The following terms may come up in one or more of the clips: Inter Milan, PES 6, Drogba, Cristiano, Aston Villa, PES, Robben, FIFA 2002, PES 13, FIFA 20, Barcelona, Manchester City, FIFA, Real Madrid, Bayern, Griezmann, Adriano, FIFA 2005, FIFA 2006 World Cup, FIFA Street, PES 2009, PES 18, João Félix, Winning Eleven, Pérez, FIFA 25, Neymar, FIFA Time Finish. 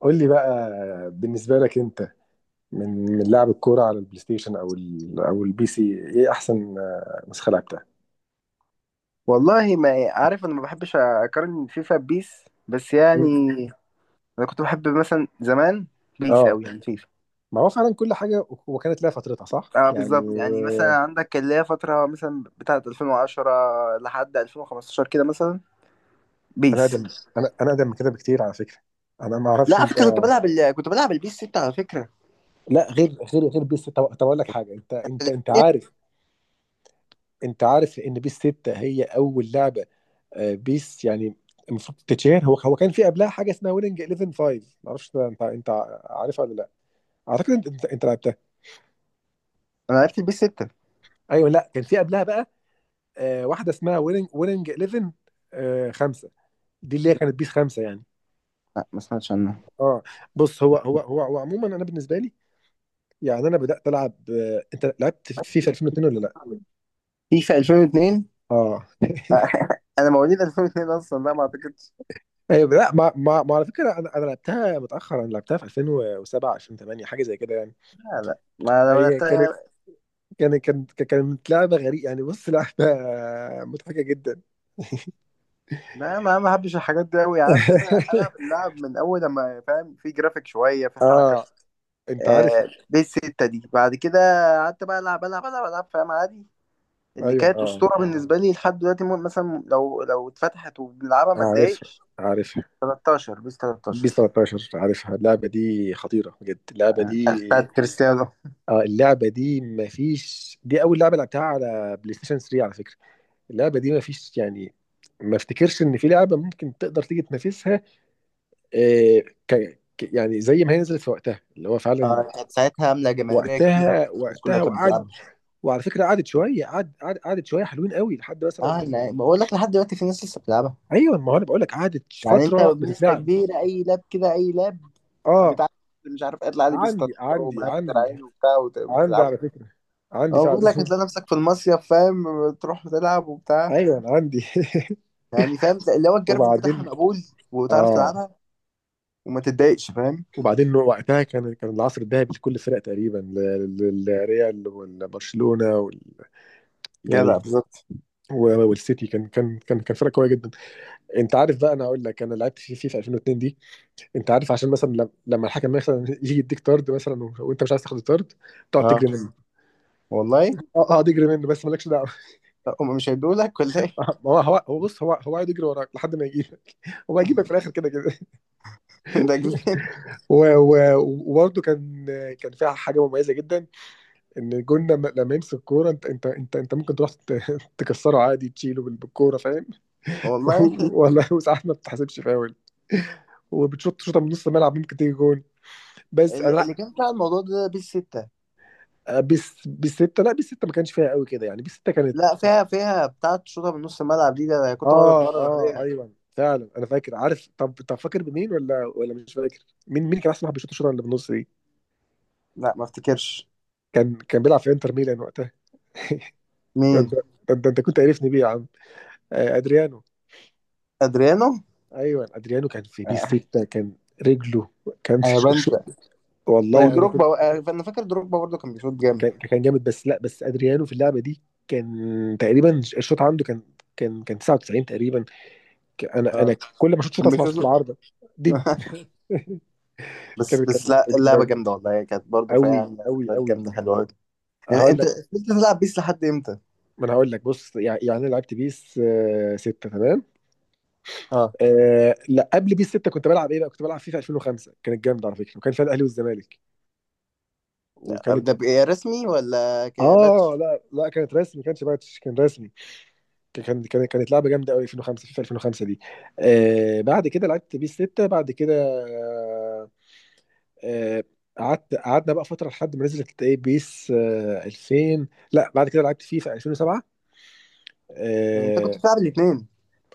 قول لي بقى، بالنسبة لك انت، من لعب الكورة على البلاي ستيشن او ال او البي سي. ايه احسن، نسخة لعبتها؟ والله ما يعني، عارف، انا ما بحبش اقارن فيفا ببيس بس مم. يعني انا كنت بحب مثلا زمان بيس اه، قوي يعني فيفا. ما هو فعلا كل حاجة وكانت لها فترتها، صح؟ اه، يعني بالظبط، يعني مثلا عندك اللي هي فترة مثلا بتاعة 2010 لحد 2015 كده مثلا انا بيس. اقدم. انا اقدم من كده بكتير على فكرة. انا ما لا، اعرفش على انت. فكرة، كنت بلعب البيس 6 على فكرة. لا، غير بيس 6. طب اقول لك حاجة، انت عارف؟ انت عارف ان بيس 6 هي اول لعبة بيس يعني المفروض تتشير. هو كان في قبلها حاجة اسمها ويننج 11 5. ما اعرفش انت، عارفها ولا لا؟ اعتقد انت لعبتها. انا عرفت البيس 6. ايوه، لا كان في قبلها بقى واحده اسمها ويننج 11، خمسه، دي اللي هي كانت بيس خمسه يعني. لا، ما سمعتش عنها. اه. بص هو عموما انا بالنسبه لي، يعني انا بدات العب، انت لعبت فيفا 2002 ولا لا؟ فيفا 2002؟ اه انا مواليد 2002 اصلا، لا ما اعتقدش. ايوه لا، ما على فكره انا لعبتها متاخر، انا لعبتها في 2007 2008 حاجه زي كده يعني. لا لا، ما ما هي كانت، لعبتها. كانت لعبه غريبه يعني، بص لعبه مضحكه جدا لا، ما ما بحبش الحاجات دي قوي، يعني بتبقى العب اللعب من اول لما فاهم، في جرافيك شويه، في حركه. اه انت عارف. آه، دي السته دي. بعد كده قعدت بقى العب العب العب العب، فاهم، عادي. اللي ايوه كانت اه، اسطوره بالنسبه لي لحد دلوقتي، مثلا لو اتفتحت وبنلعبها ما عارفها اتضايقش. عارفها 13، بيس بي 13، 13، عارفها اللعبة دي خطيرة بجد اللعبة دي. بتاعت كريستيانو. اه، اللعبة دي مفيش، دي أول لعبة لعبتها على بلاي ستيشن 3 على فكرة. اللعبة دي مفيش يعني، ما افتكرش إن في لعبة ممكن تقدر تيجي تنافسها. آه، يعني زي ما هي نزلت في وقتها اللي هو فعلا آه، كانت ساعتها عامله جماهيريه كتيره وقتها. والناس كلها كانت وقعدت، بتلعبها. وعلى فكرة قعدت شوية، قعدت شوية حلوين قوي لحد اه، مثلا. أنا بقول لك لحد دلوقتي في ناس لسه بتلعبها. أيوه ما هو أنا بقول لك قعدت يعني انت فترة بنسبة بتتلعب. كبيرة اي لاب كده، اي لاب اه. بتاع، مش عارف، اطلع عليه عندي بيستشير ومهندر عليه وبتاع، عندي وتلعبه. على فكرة، عندي هو بيقول فعلا لك هتلاقي نفسك في المصيف، فاهم، تروح تلعب وبتاع. ايوه انا عندي يعني فاهم، اللي هو الجرافيك بتاعها وبعدين مقبول، وتعرف اه، تلعبها، وما تتضايقش، فاهم. وبعدين وقتها كان العصر الذهبي لكل الفرق تقريبا، للريال والبرشلونة جدع، يعني. بالظبط. والسيتي كان فرق قوية جدا. انت عارف بقى، انا اقول لك انا لعبت في 2002 دي. انت عارف عشان مثلا لما الحكم مثلا يجي يديك طرد مثلا، وانت مش عايز تاخد الطرد، تقعد اه، تجري منه. والله. اه اه، تجري منه بس مالكش دعوه لا، هم مش هيدوا لك ولا ايه. ما هو بص، هو قاعد يجري وراك لحد ما يجيبك، هو هيجيبك في الاخر كده كده. ده جنان. و- و- وبرضه كان، فيها حاجه مميزه جدا، ان الجون لما يمسك الكوره، انت ممكن تروح تكسره عادي، تشيله بالكوره فاهم والله، والله، وساعات ما بتحسبش فاول وبتشوط شوطه من نص الملعب ممكن تيجي جون. بس انا اللي لا، اللي كان بتاع الموضوع ده بيس 6. بس بالسته لا، بالسته ما كانش فيها قوي كده يعني، بالسته كانت. لا، فيها بتاعة شوطة من نص الملعب دي، ده أنا كنت بقعد اه اتمرن اه عليها. ايوه فعلا، انا فاكر عارف. طب فاكر بمين ولا مش فاكر؟ مين كان احسن واحد بيشوط الشوطه اللي بالنص دي؟ لا، ما افتكرش. كان بيلعب في انتر ميلان وقتها ده انت مين؟ ده انت ده، انت كنت عارفني بيه يا عم، ادريانو. ادريانو. ايوه، ادريانو كان في بيس آه. 6، كان رجله كان انا شو. بنسى. والله انا ودروجبا. كنت. آه، فانا فاكر دروجبا برضه كان بيشوط جامد. كان جامد بس، لا بس ادريانو في اللعبه دي كان، تقريبا الشوط عنده كان، كان 99 تقريبا. انا اه، كل ما اشوط شوط كان اسمع صوت بيشوط. العارضه دي بس كان بس، لا، اللعبه جامده والله، هي كانت برضه فيها قوي يعني قوي ذكريات قوي. جامده حلوه أوي. يعني هقول انت لك. كنت بتلعب بيس لحد امتى؟ ما انا هقول لك بص يعني، يعني انا لعبت بيس 6 تمام. اه. آه لا، قبل بيس 6 كنت بلعب ايه بقى؟ كنت بلعب فيفا 2005، كانت جامده على فكره، وكان فيها الاهلي والزمالك وكانت. ده بقى رسمي ولا اه كباتش؟ لا لا، كانت رسمي، ما كانش باتش، كان رسمي. كان كانت لعبه جامده قوي 2005، في 2005 دي. آه بعد كده لعبت بيس 6 بعد كده. آه آه، قعدت، قعدنا بقى فتره لحد ما نزلت ايه بيس 2000. لا بعد كده لعبت فيفا 2007. يعني انت كنت اه، بتلعب الاثنين؟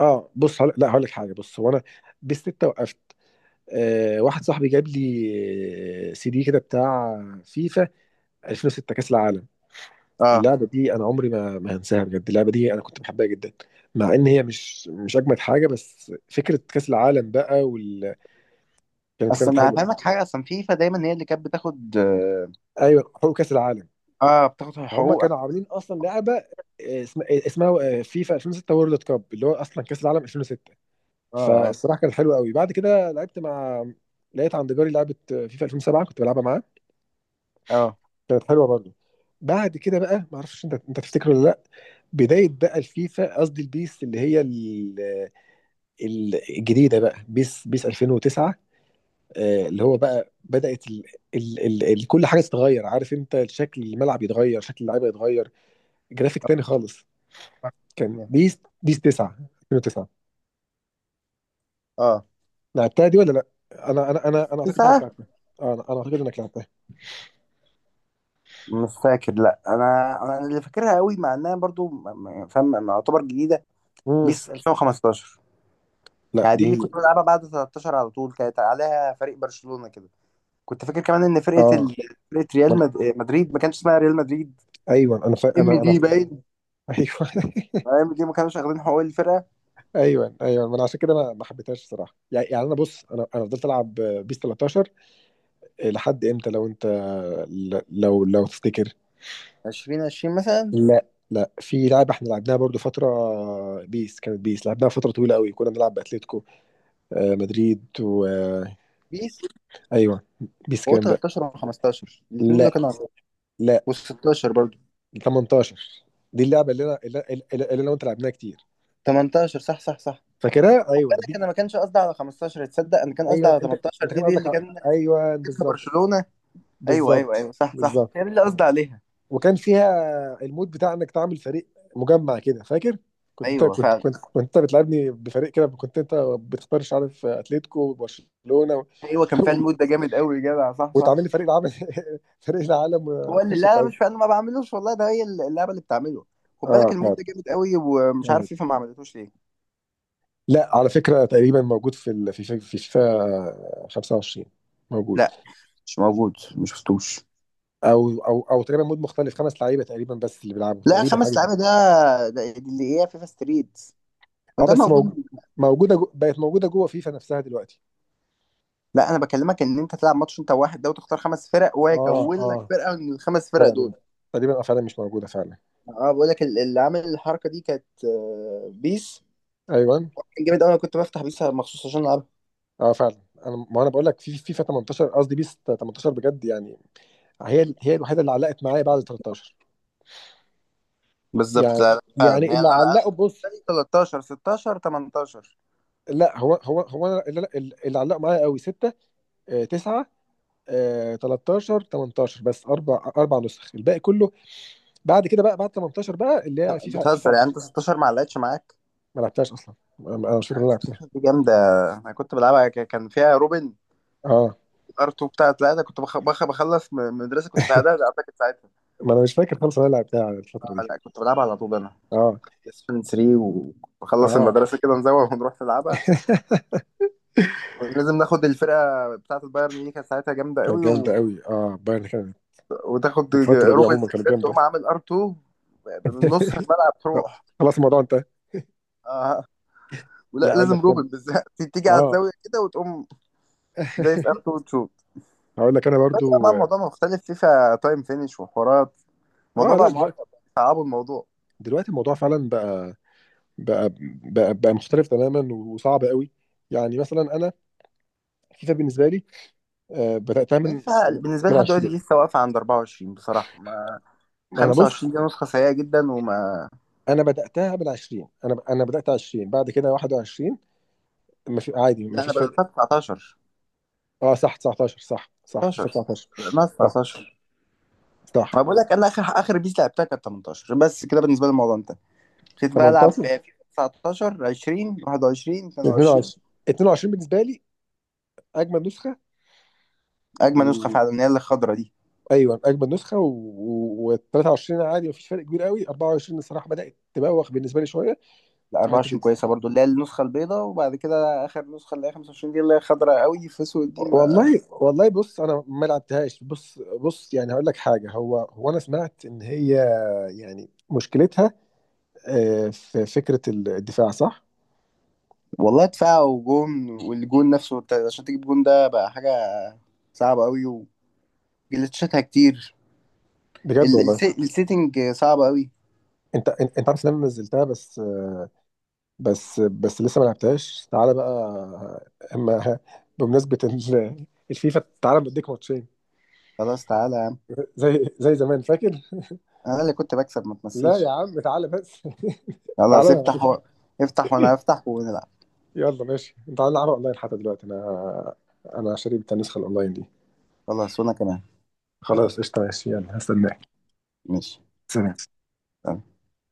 آه بص هقول- لا هقول لك حاجه، بص هو انا بيس 6 وقفت. واحد صاحبي جاب لي سي دي كده بتاع فيفا 2006 كاس العالم. اه، اللعبه دي انا عمري ما هنساها بجد، اللعبه دي انا كنت بحبها جدا مع ان هي مش اجمد حاجه، بس فكره كاس العالم بقى كانت، اصل كانت انا حلوه. هفهمك حاجه، اصلا فيفا دايما هي اللي كانت بتاخد، اه، ايوه حقوق كاس العالم. آه، بتاخد هم حقوق. كانوا عاملين اصلا لعبه اسمها فيفا 2006 وورلد كاب، اللي هو اصلا كاس العالم 2006. اه فالصراحه كانت حلوه قوي. بعد كده لعبت مع، لقيت عند جاري لعبه فيفا 2007 كنت بلعبها معاه، اه كانت حلوه برضه. بعد كده بقى، ما اعرفش انت، تفتكر ولا لا؟ بدايه بقى الفيفا، قصدي البيس اللي هي الجديده بقى بيس 2009، اللي هو بقى بدات ال كل حاجه تتغير، عارف انت شكل الملعب يتغير، شكل اللعيبه يتغير، جرافيك تاني خالص. كان اه بيس 9 2009. اه. لعبتها دي ولا لا؟ انا اعتقد انك 9. لعبتها. انا اعتقد انك لعبتها. مش فاكر، لا، انا اللي فاكرها قوي مع انها برضو فاهم، ما اعتبر جديده. امم. بيس 2015، لا يعني دي دي. اللي كنت بلعبها بعد 13 على طول، كانت عليها فريق برشلونة كده. كنت فاكر كمان ان اه. من... مدريد ما كانش اسمها ريال مدريد. ايوه انا، ف... ام انا انا دي باين. ايوه آه، ام دي ما كانوش واخدين حقوق الفرقة. ايوه ايوه، ما انا عشان كده انا ما حبيتهاش الصراحه يعني، يعني انا بص، انا فضلت العب بيس 13 لحد امتى لو انت، لو تفتكر. 20 20 مثلا. لا لا، في لعبه احنا لعبناها برضو فتره، بيس، كانت بيس لعبناها فتره طويله قوي، كنا بنلعب باتليتيكو مدريد و آه، بيس. ايوه. بيس هو كام بقى؟ 13 و15 الاثنين دول لا كانوا عندهم، لا، وال16 برضه. 18، دي اللعبه اللي انا وانت لعبناها كتير. 18، صح صح صح. فاكرها خد ايوه بالك دي. انا ما كانش قصدي على 15، تصدق انا كان قصدي ايوه على انت، 18، انت دي كان دي قصدك اللي كان ايوه، كسبها بالظبط برشلونة. ايوه ايوه بالظبط ايوه، صح صح، بالظبط. هي دي اللي قصدي عليها. وكان فيها المود بتاع انك تعمل فريق مجمع كده فاكر. كنت انت ايوه كنت فعلا. كنت كنت انت بتلعبني بفريق كده، كنت انت بتختار مش عارف اتلتيكو وبرشلونه ايوه، كان فيها المود ده جامد قوي يا جدع، صح صح. وتعمل لي فريق العالم فريق العالم هو اللي، وتخش لا لا، مش تعود. فاهم ما بعملوش والله، ده هي اللعبه اللي بتعمله. خد اه بالك المود بتاعت. ده جامد قوي، ومش عارف جامد. فيفا ما عملتوش ليه. لا على فكره تقريبا موجود في ال... في في في فيفا 25، موجود. لا، مش موجود، ما شفتوش. او او او تقريبا مود مختلف خمس لعيبه تقريبا، بس اللي بيلعبوا لا، تقريبا حاجه خمس كده. لعيبه ده، ده دي اللي هي فيفا ستريت، اه ده بس موجود. موجوده بقت موجوده جوه فيفا نفسها دلوقتي. لا، انا بكلمك ان انت تلعب ماتش انت واحد ده، وتختار خمس فرق، وهو اه يكون لك اه فرقه من الخمس فرق فعلا، دول. تقريبا اه فعلا مش موجوده فعلا. اه، بقول لك اللي عامل الحركه دي كانت آه، بيس. ايوه كان جامد قوي، انا كنت بفتح بيس مخصوص عشان العبها. اه فعلا. انا، ما انا بقول لك في فيفا 18، قصدي بيس 18 بجد يعني، هي الوحيده اللي علقت معايا بعد 13 بالظبط، يعني، لا لا، فعلا يعني يعني اللي انا. علقوا بص. 13، 16، 18. لا هو أنا اللي علقوا معايا قوي 6 9 13 18 بس، اربع نسخ، الباقي كله بعد كده بقى، بعد 18 بقى اللي هي فيفا بتهزر يعني انت 20. 16 ما علقتش معاك؟ ما لعبتهاش اصلا، انا، أنا مش فاكر إن انا لعبتها. 16 دي جامده، انا كنت بلعبها، كان فيها روبن. اه ار 2 بتاعت. لا، ده كنت بخلص مدرسه، كنت في اعدادي اعتقد ساعتها. ما انا مش فاكر خالص إن انا لعبتها على الفتره آه، دي. لا، كنت بلعبها على طول انا. اه اسفن 3 وبخلص اه المدرسه كده، نزوغ ونروح نلعبها. كنا لازم ناخد الفرقه بتاعت البايرن دي، كانت ساعتها جامده كانت قوي، جامده و... قوي، اه بايرن كانت وتاخد من الفتره دي روبن عموما كانت بالذات، جامده تقوم عامل ار 2 من نص الملعب طب، تروح. خلاص الموضوع انتهى. آه. ولا لا اقول لازم لك روبن كم. بالذات تيجي على اه الزاويه كده وتقوم زي في ار 2. هقول لك انا بس بقى برضو. الموضوع مختلف، فيفا تايم فينش وحوارات، الموضوع اه لا بقى دلوقتي، معقد، صعبوا الموضوع. دلوقتي الموضوع فعلا بقى، بقى بقى مختلف تماما وصعب قوي، يعني مثلا انا، فيفا بالنسبه لي، آه، بداتها من فيفا بالنسبه لي من لحد دلوقتي 20. لسه واقفه عند 24 بصراحه، ما ما انا بص، 25 دي نسخه سيئه جدا وما. انا بداتها من 20، انا بدات 20 بعد كده 21. ما في عادي ما لا، انا فيش فرق. بدأتها 19. اه صح 19، صح صح فيفا 19 19، ما صح 19. صح ما بقول لك انا اخر اخر بيس لعبتها كانت 18 بس، كده بالنسبه لي الموضوع انتهى. ابتديت بقى العب 18 فيفا 19، 20، 21، 22. 22. 22 بالنسبه لي اجمد نسخه اجمل نسخه و... فعلا هي اللي الخضرا دي. ايوه اجمد نسخه 23 عادي مفيش فرق كبير قوي، 24 الصراحه بدات تبوخ بالنسبه لي شويه، لا، في حته كده. 24 كويسه برضو اللي هي النسخه البيضاء، وبعد كده اخر نسخه اللي هي 25 دي اللي هي خضرا قوي في اسود دي. والله والله بص، انا ما لعبتهاش، بص بص يعني هقول لك حاجه، هو انا سمعت ان هي يعني مشكلتها في فكره الدفاع صح؟ والله، دفاع وجون، والجون نفسه انت عشان تجيب جون ده بقى حاجة صعبة قوي، وجلتشاتها كتير. بجد والله. السيتنج صعبة قوي. انت عارف ان انا نزلتها بس، بس لسه ما لعبتهاش، تعالى بقى اما بمناسبة الفيفا تعالى بديك ماتشين خلاص تعالى يا عم، زي زمان فاكر. انا اللي كنت بكسب ما لا تمثلش. يا عم تعالى بس خلاص تعالى. افتح، وانا افتح ونلعب. يلا ماشي تعالى نلعب اونلاين حتى دلوقتي. انا شاري النسخة الاونلاين دي. خلاص وانا كمان. خلاص قشطة ماشي يلا هستناك. ماشي. سلام.